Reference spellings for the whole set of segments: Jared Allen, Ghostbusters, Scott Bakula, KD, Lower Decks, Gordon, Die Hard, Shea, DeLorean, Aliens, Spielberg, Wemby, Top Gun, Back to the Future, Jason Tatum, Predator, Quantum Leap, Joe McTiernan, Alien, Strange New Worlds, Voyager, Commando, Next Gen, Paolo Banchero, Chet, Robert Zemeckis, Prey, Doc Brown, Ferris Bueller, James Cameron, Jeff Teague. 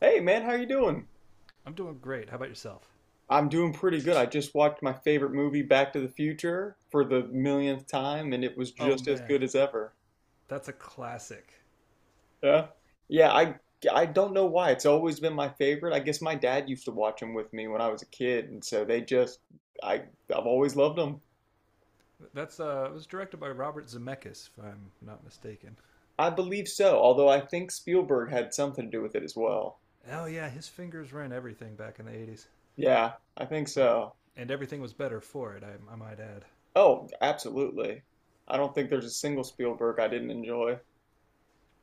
Hey man, how you doing? I'm doing great. How about yourself? I'm doing pretty good. I just watched my favorite movie, Back to the Future, for the millionth time, and it was Oh just as man, good as ever. that's a classic. Yeah. Yeah, I don't know why. It's always been my favorite. I guess my dad used to watch them with me when I was a kid, and so they just I I've always loved them. That's It was directed by Robert Zemeckis, if I'm not mistaken. I believe so, although I think Spielberg had something to do with it as well. Oh yeah, his fingers were in everything back in the '80s, Yeah, I think uh, so. and everything was better for it. I might add. Oh, absolutely. I don't think there's a single Spielberg I didn't enjoy.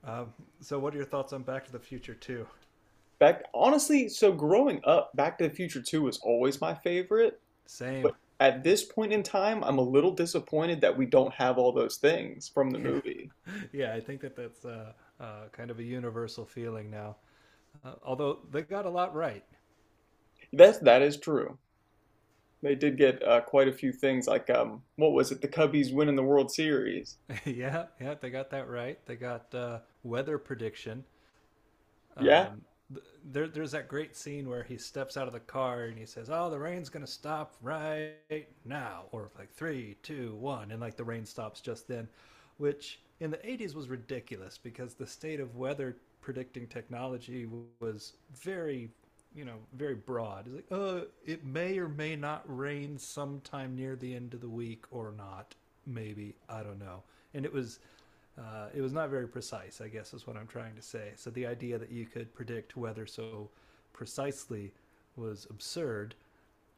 Um, so, what are your thoughts on Back to the Future too? Back, honestly, so growing up, Back to the Future 2 was always my favorite, Same. but at this point in time, I'm a little disappointed that we don't have all those things from the Yeah, movie. yeah. I think that's kind of a universal feeling now. Although they got a lot right. That is true. They did get quite a few things, like what was it? The Cubbies winning the World Series. Yeah, yeah, they got that right. They got weather prediction. Yeah, Um, there's that great scene where he steps out of the car and he says, "Oh, the rain's gonna stop right now," or like three, two, one, and like the rain stops just then, which in the '80s was ridiculous because the state of weather predicting technology was very, you know, very broad. It's like, oh, it may or may not rain sometime near the end of the week, or not, maybe, I don't know. And it was not very precise, I guess, is what I'm trying to say. So the idea that you could predict weather so precisely was absurd.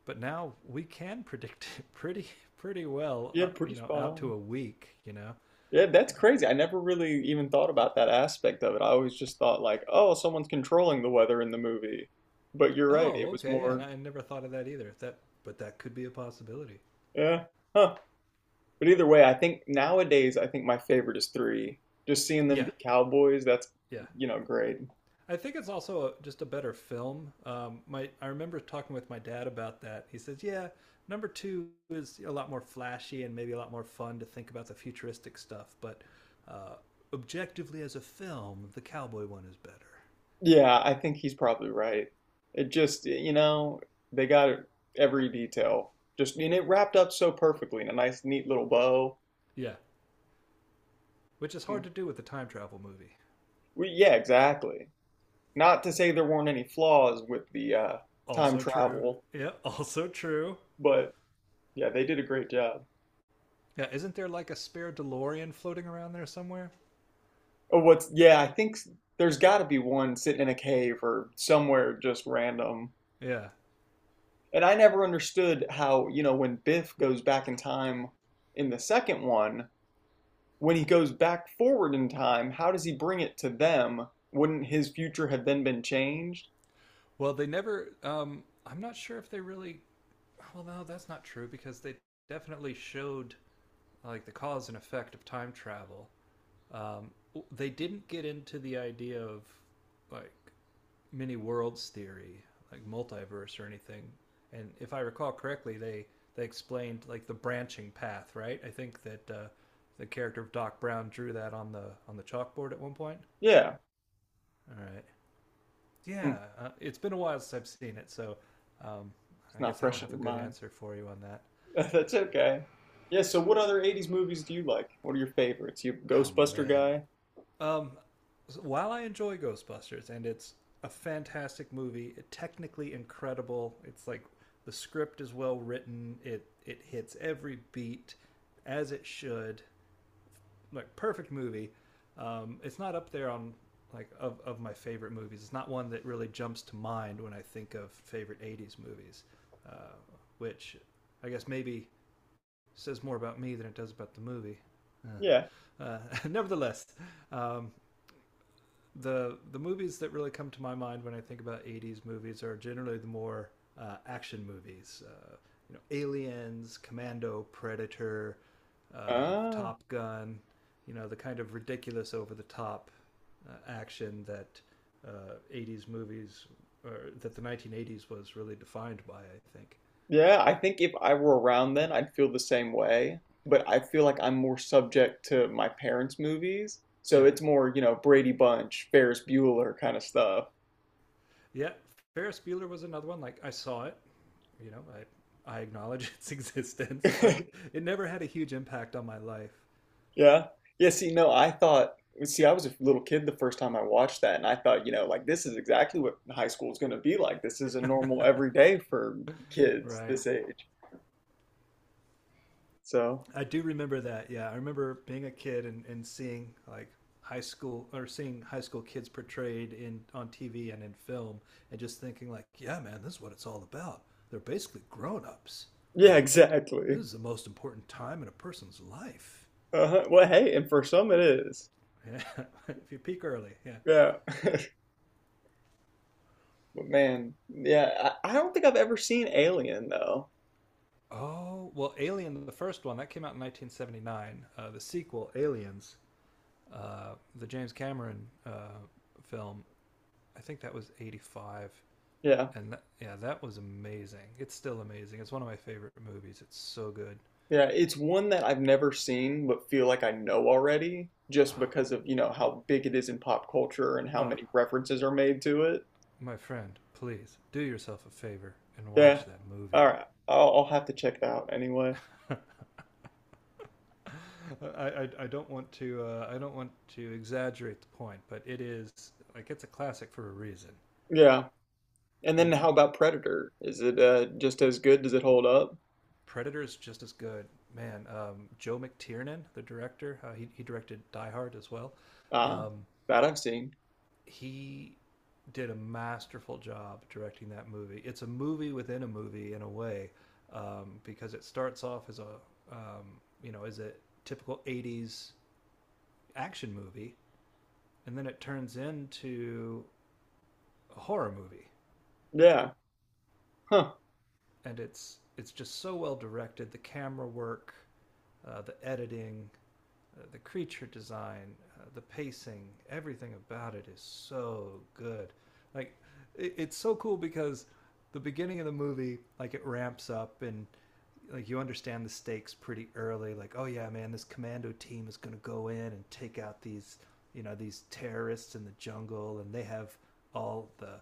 But now we can predict it pretty well, yeah, pretty you know, spot out to on. a week. You know, Yeah, that's crazy. I never really even thought about that aspect of it. I always just thought like, oh, someone's controlling the weather in the movie. But you're right, oh, it was okay, yeah, and more, I never thought of that either. If that, but that could be a possibility. yeah, huh. But either way, I think nowadays I think my favorite is three. Just seeing them Yeah, be Cowboys, that's, yeah, you know, great. I think it's also just a better film. My I remember talking with my dad about that. He says, "Yeah, number two is a lot more flashy and maybe a lot more fun to think about the futuristic stuff, but uh, objectively as a film, the cowboy one is better." Yeah, I think he's probably right. It just, you know, they got every detail. Just, and it wrapped up so perfectly in a nice, neat little bow. Yeah, which is Mm. hard to do with a time travel movie. We, yeah, exactly. Not to say there weren't any flaws with the time Also true. travel, Yeah, also true. but yeah, they did a great job. Yeah, isn't there like a spare DeLorean floating around there somewhere? Oh, what's, yeah, there's got to be one sitting in a cave or somewhere just random. Yeah. And I never understood how, you know, when Biff goes back in time in the second one, when he goes back forward in time, how does he bring it to them? Wouldn't his future have then been changed? Well, they never. I'm not sure if they really— well, no, that's not true because they definitely showed like the cause and effect of time travel. Um, they didn't get into the idea of like many worlds theory, like multiverse or anything. And if I recall correctly, they explained like the branching path, right? I think that the character of Doc Brown drew that on the chalkboard at one point. Yeah. All right, yeah, Mm, it's been a while since I've seen it, so um, it's I not guess I don't fresh in have your a good mind. answer for you on that. That's okay. Yeah, so what other 80s movies do you like? What are your favorites? You a Oh Ghostbuster man. guy? Um, so while I enjoy Ghostbusters and it's a fantastic movie, technically incredible. It's like the script is well written. It hits every beat as it should. Like, perfect movie. It's not up there on like of my favorite movies. It's not one that really jumps to mind when I think of favorite '80s movies, uh, which I guess maybe says more about me than it does about the movie. Yeah. Uh, uh, Nevertheless, um, the movies that really come to my mind when I think about '80s movies are generally the more action movies. You know, Aliens, Commando, Predator, Ah. Top Gun. You know, the kind of ridiculous, over the top action that '80s movies, or that the 1980s, was really defined by. I think. Yeah, I think if I were around then, I'd feel the same way, but I feel like I'm more subject to my parents' movies. So Yeah, it's more, you know, Brady Bunch, Ferris Bueller kind of stuff. yeah. Ferris Bueller was another one. Like, I saw it. You know, I acknowledge its existence, but it never had a huge impact on my life. Yeah. Yeah, see, no, I thought, see, I was a little kid the first time I watched that, and I thought, you know, like this is exactly what high school is going to be like. This is a normal everyday for kids Right. this age. So, I do remember that. Yeah, I remember being a kid and seeing like high school, or seeing high school kids portrayed in on TV and in film, and just thinking like, yeah, man, this is what it's all about. They're basically grown ups. yeah, Like, this exactly. is the most important time in a person's life. Uh-huh. Well, hey, and for some it is. Yeah, if you peak early. Yeah. Yeah. But man, yeah, I don't think I've ever seen Alien though. Oh well, Alien, the first one that came out in 1979. The sequel, Aliens, the James Cameron film. I think that was 85, Yeah. and that, yeah, that was amazing. It's still amazing. It's one of my favorite movies. It's so good. Yeah, it's one that I've never seen but feel like I know already just because of, you know, how big it is in pop culture and how Ah, oh, many references are made to it. my friend, please do yourself a favor and Yeah. watch that All movie. right. I'll have to check it out anyway. I don't want to I don't want to exaggerate the point, but it is like, it's a classic for a reason. Yeah. And then And how about Predator? Is it just as good? Does it hold up? Predator is just as good, man. Joe McTiernan, the director, he directed Die Hard as well. Ah, Um, that I've seen. he did a masterful job directing that movie. It's a movie within a movie in a way, because it starts off as a you know, as a typical '80s action movie, and then it turns into a horror movie, Yeah. Huh. and it's just so well directed. The camera work, the editing, the creature design, the pacing, everything about it is so good. Like, it's so cool because the beginning of the movie, like, it ramps up, and like, you understand the stakes pretty early. Like, oh yeah, man, this commando team is gonna go in and take out these, you know, these terrorists in the jungle, and they have all the,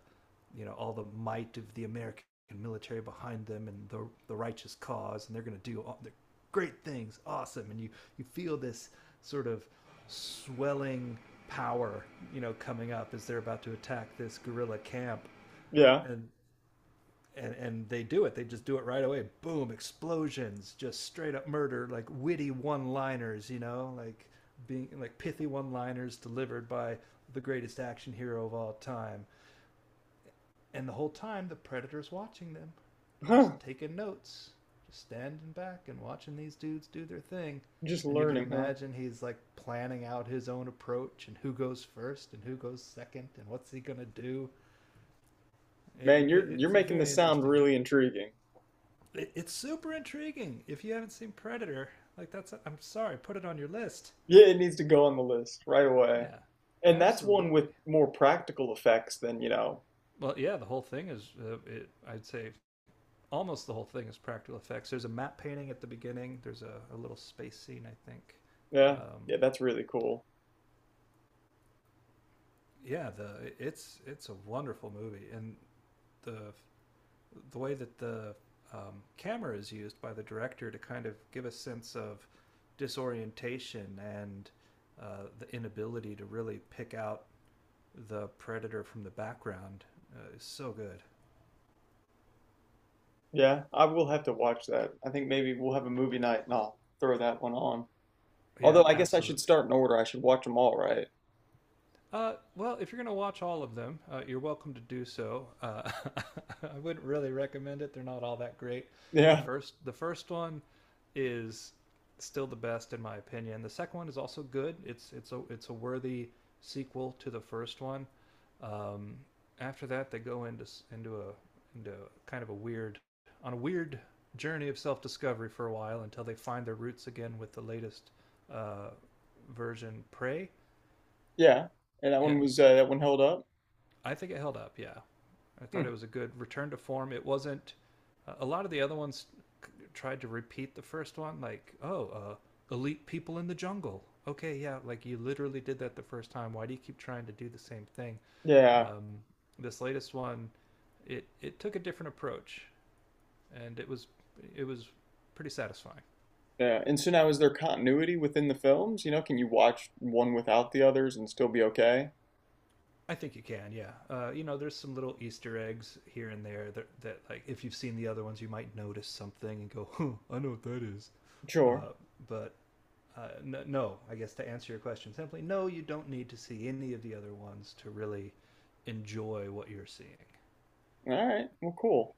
you know, all the might of the American military behind them and the righteous cause, and they're going to do all the great things, awesome, and you feel this sort of swelling power, you know, coming up as they're about to attack this guerrilla camp, Yeah. and. And they do it. They just do it right away. Boom! Explosions, just straight up murder, like witty one-liners. You know, like being like pithy one-liners delivered by the greatest action hero of all time, and the whole time, the predator's watching them, just Huh. taking notes, just standing back and watching these dudes do their thing. Just And you can learning, huh? imagine he's like planning out his own approach and who goes first and who goes second and what's he going to do. It, Man, it, you're it's a making very this sound interesting. really intriguing. It's super intriguing. If you haven't seen Predator, like, that's, a, I'm sorry, put it on your list. Yeah, it needs to go on the list right away. Yeah, And that's one absolutely. with more practical effects than, you know. Well, yeah, the whole thing is, it, I'd say, almost the whole thing is practical effects. There's a matte painting at the beginning. There's a little space scene, I think. Yeah. Um, Yeah, that's really cool. yeah, the it's a wonderful movie, and the the way that the camera is used by the director to kind of give a sense of disorientation and the inability to really pick out the predator from the background is so good. Yeah, I will have to watch that. I think maybe we'll have a movie night and I'll throw that one on. Yeah, Although I guess I should absolutely. start in order. I should watch them all, right? Well, if you're going to watch all of them, you're welcome to do so. I wouldn't really recommend it. They're not all that great. The Yeah. first, the first one is still the best in my opinion. The second one is also good. It's a worthy sequel to the first one. Um, After that, they go into a into kind of a weird on a weird journey of self discovery for a while until they find their roots again with the latest uh, version, Prey. Yeah. And that Yeah, one was that one held up? I think it held up. Yeah, I thought Hmm. it was a good return to form. It wasn't. A lot of the other ones tried to repeat the first one, like, oh, elite people in the jungle. Okay, yeah, like you literally did that the first time. Why do you keep trying to do the same thing? Yeah. Um, this latest one, it took a different approach, and it was pretty satisfying. Yeah. And so now is there continuity within the films? You know, can you watch one without the others and still be okay? I think you can, yeah. You know, there's some little Easter eggs here and there that, that, like, if you've seen the other ones, you might notice something and go, huh, I know what that is. Sure. Uh, but no, no, I guess to answer your question simply, no, you don't need to see any of the other ones to really enjoy what you're seeing. All right. Well, cool.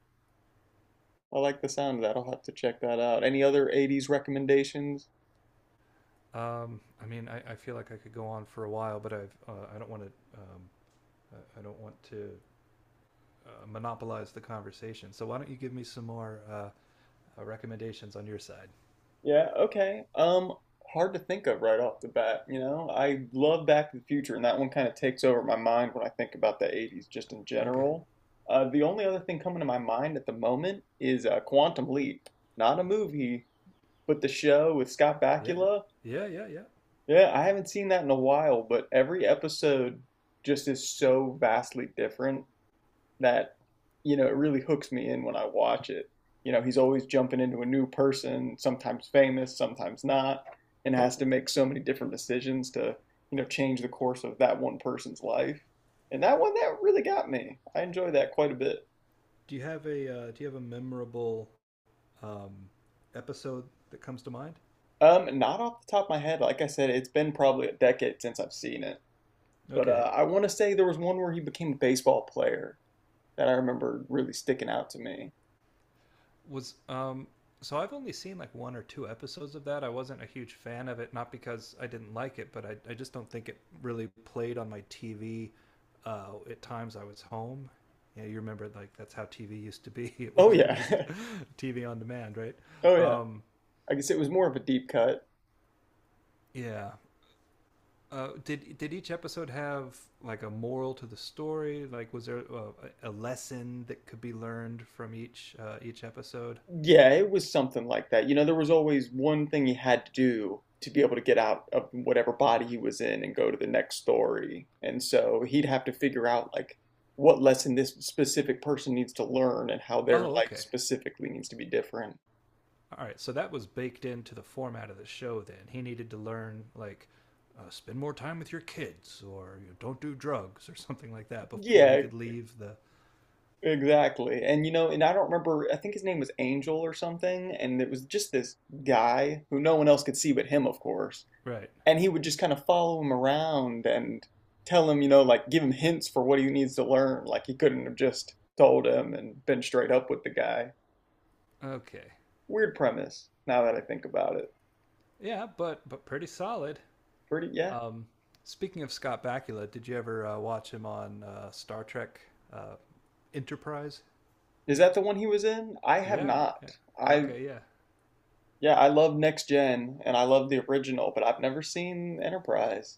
I like the sound of that. I'll have to check that out. Any other 80s recommendations? I mean, I feel like I could go on for a while, but I've, I don't want to, don't want to monopolize the conversation. So why don't you give me some more recommendations on your side? Yeah, okay. Hard to think of right off the bat, you know. I love Back to the Future and that one kind of takes over my mind when I think about the 80s just in Okay. general. The only other thing coming to my mind at the moment is Quantum Leap. Not a movie, but the show with Scott Yeah, Bakula. yeah, yeah, yeah. Yeah, I haven't seen that in a while, but every episode just is so vastly different that you know it really hooks me in when I watch it. You know, he's always jumping into a new person, sometimes famous, sometimes not, and has to make so many different decisions to you know change the course of that one person's life. And that one that really got me. I enjoy that quite a bit. Do you have a do you have a memorable um, episode that comes to mind? Not off the top of my head, like I said, it's been probably a decade since I've seen it. But Okay, I want to say there was one where he became a baseball player that I remember really sticking out to me. was so I've only seen like one or two episodes of that. I wasn't a huge fan of it, not because I didn't like it, but I just don't think it really played on my TV. At times I was home. Yeah, you remember, like, that's how TV used to be. It Oh wasn't yeah, just TV on demand, right? oh yeah. Um, I guess it was more of a deep cut. yeah. Did each episode have like a moral to the story? Like, was there a lesson that could be learned from each episode? Yeah, it was something like that. You know, there was always one thing he had to do to be able to get out of whatever body he was in and go to the next story. And so he'd have to figure out like what lesson this specific person needs to learn and how their Oh, life okay, specifically needs to be different. all right. So that was baked into the format of the show. Then he needed to learn like, spend more time with your kids, or you know, don't do drugs or something like that before he Yeah, could leave the, exactly. And you know, and I don't remember, I think his name was Angel or something, and it was just this guy who no one else could see but him, of course. right. And he would just kind of follow him around and tell him, you know, like give him hints for what he needs to learn. Like he couldn't have just told him and been straight up with the guy. Okay, Weird premise. Now that I think about it, yeah, but pretty solid. pretty yeah. Um, speaking of Scott Bakula, did you ever watch him on Star Trek uh, Enterprise? Is that the one he was in? I have Yeah, not. yeah. I Okay, yeah. yeah, I love Next Gen and I love the original, but I've never seen Enterprise.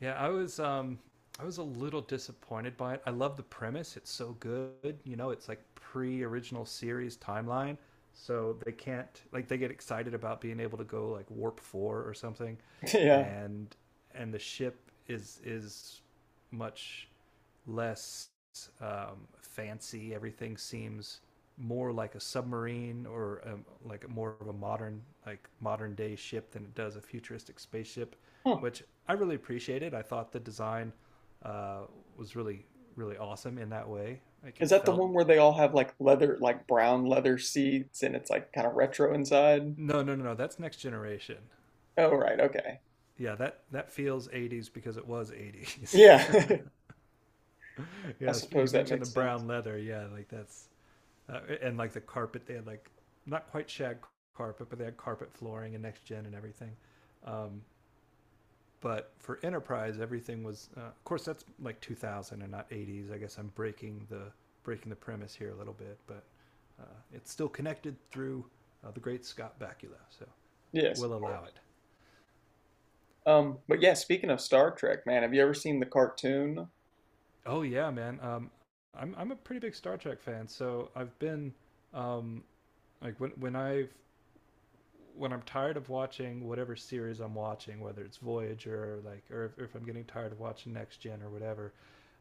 Yeah, I was a little disappointed by it. I love the premise. It's so good. You know, it's like pre-original series timeline. So they can't, like, they get excited about being able to go like warp 4 or something, Yeah. and the ship is much less fancy. Everything seems more like a submarine, or like a, more of a modern, like modern day ship than it does a futuristic spaceship, Huh. which I really appreciated. I thought the design uh, was really awesome in that way. Like Is it that the felt— one where they all have like leather, like brown leather seats and it's like kind of retro inside? no no no no, that's next generation. Oh, right. Okay. Yeah, that that feels '80s because it was '80s. Yeah. I Yes, you suppose that mentioned the makes sense. brown leather. Yeah, like that's and like the carpet. They had like not quite shag carpet, but they had carpet flooring and next gen and everything. Um, but for enterprise, everything was. Of course, that's like 2000 and not '80s. I guess I'm breaking the premise here a little bit, but uh, it's still connected through the great Scott Bakula, so Yes, of we'll allow course. it. But yeah, speaking of Star Trek, man, have you ever seen the cartoon? Oh yeah, man. I'm a pretty big Star Trek fan, so I've been um, like when I've when I'm tired of watching whatever series I'm watching, whether it's Voyager or like, or if I'm getting tired of watching Next Gen or whatever,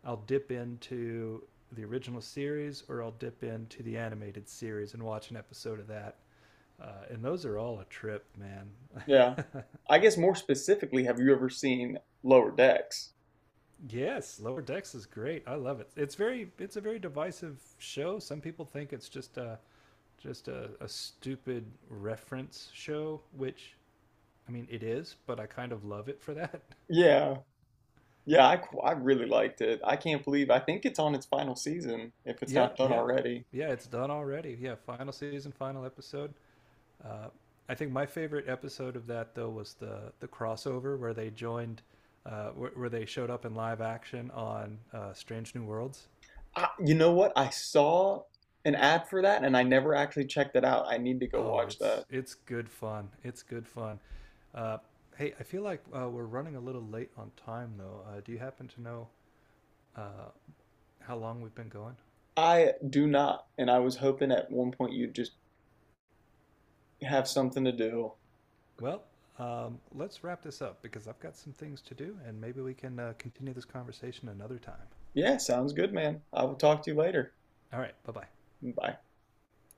I'll dip into the original series, or I'll dip into the animated series and watch an episode of that. And those are all a trip, man. Yeah. I guess more specifically, have you ever seen Lower Decks? Yes, Lower Decks is great. I love it. It's very, it's a very divisive show. Some people think it's just a stupid reference show, which I mean it is, but I kind of love it for that. Yeah. Yeah, I I really liked it. I can't believe I think it's on its final season if it's Yeah, not done yeah, already. yeah. It's done already. Yeah, final season, final episode. Uh, I think my favorite episode of that though was the crossover where they joined, where they showed up in live action on Strange New Worlds. I, you know what? I saw an ad for that and I never actually checked it out. I need to go Oh, watch that. It's good fun. It's good fun. Uh, Hey, I feel like we're running a little late on time though. Do you happen to know uh, how long we've been going? I do not, and I was hoping at one point you'd just have something to do. Well, let's wrap this up because I've got some things to do, and maybe we can continue this conversation another time. Yeah, sounds good, man. I will talk to you later. All right. Bye bye. Bye.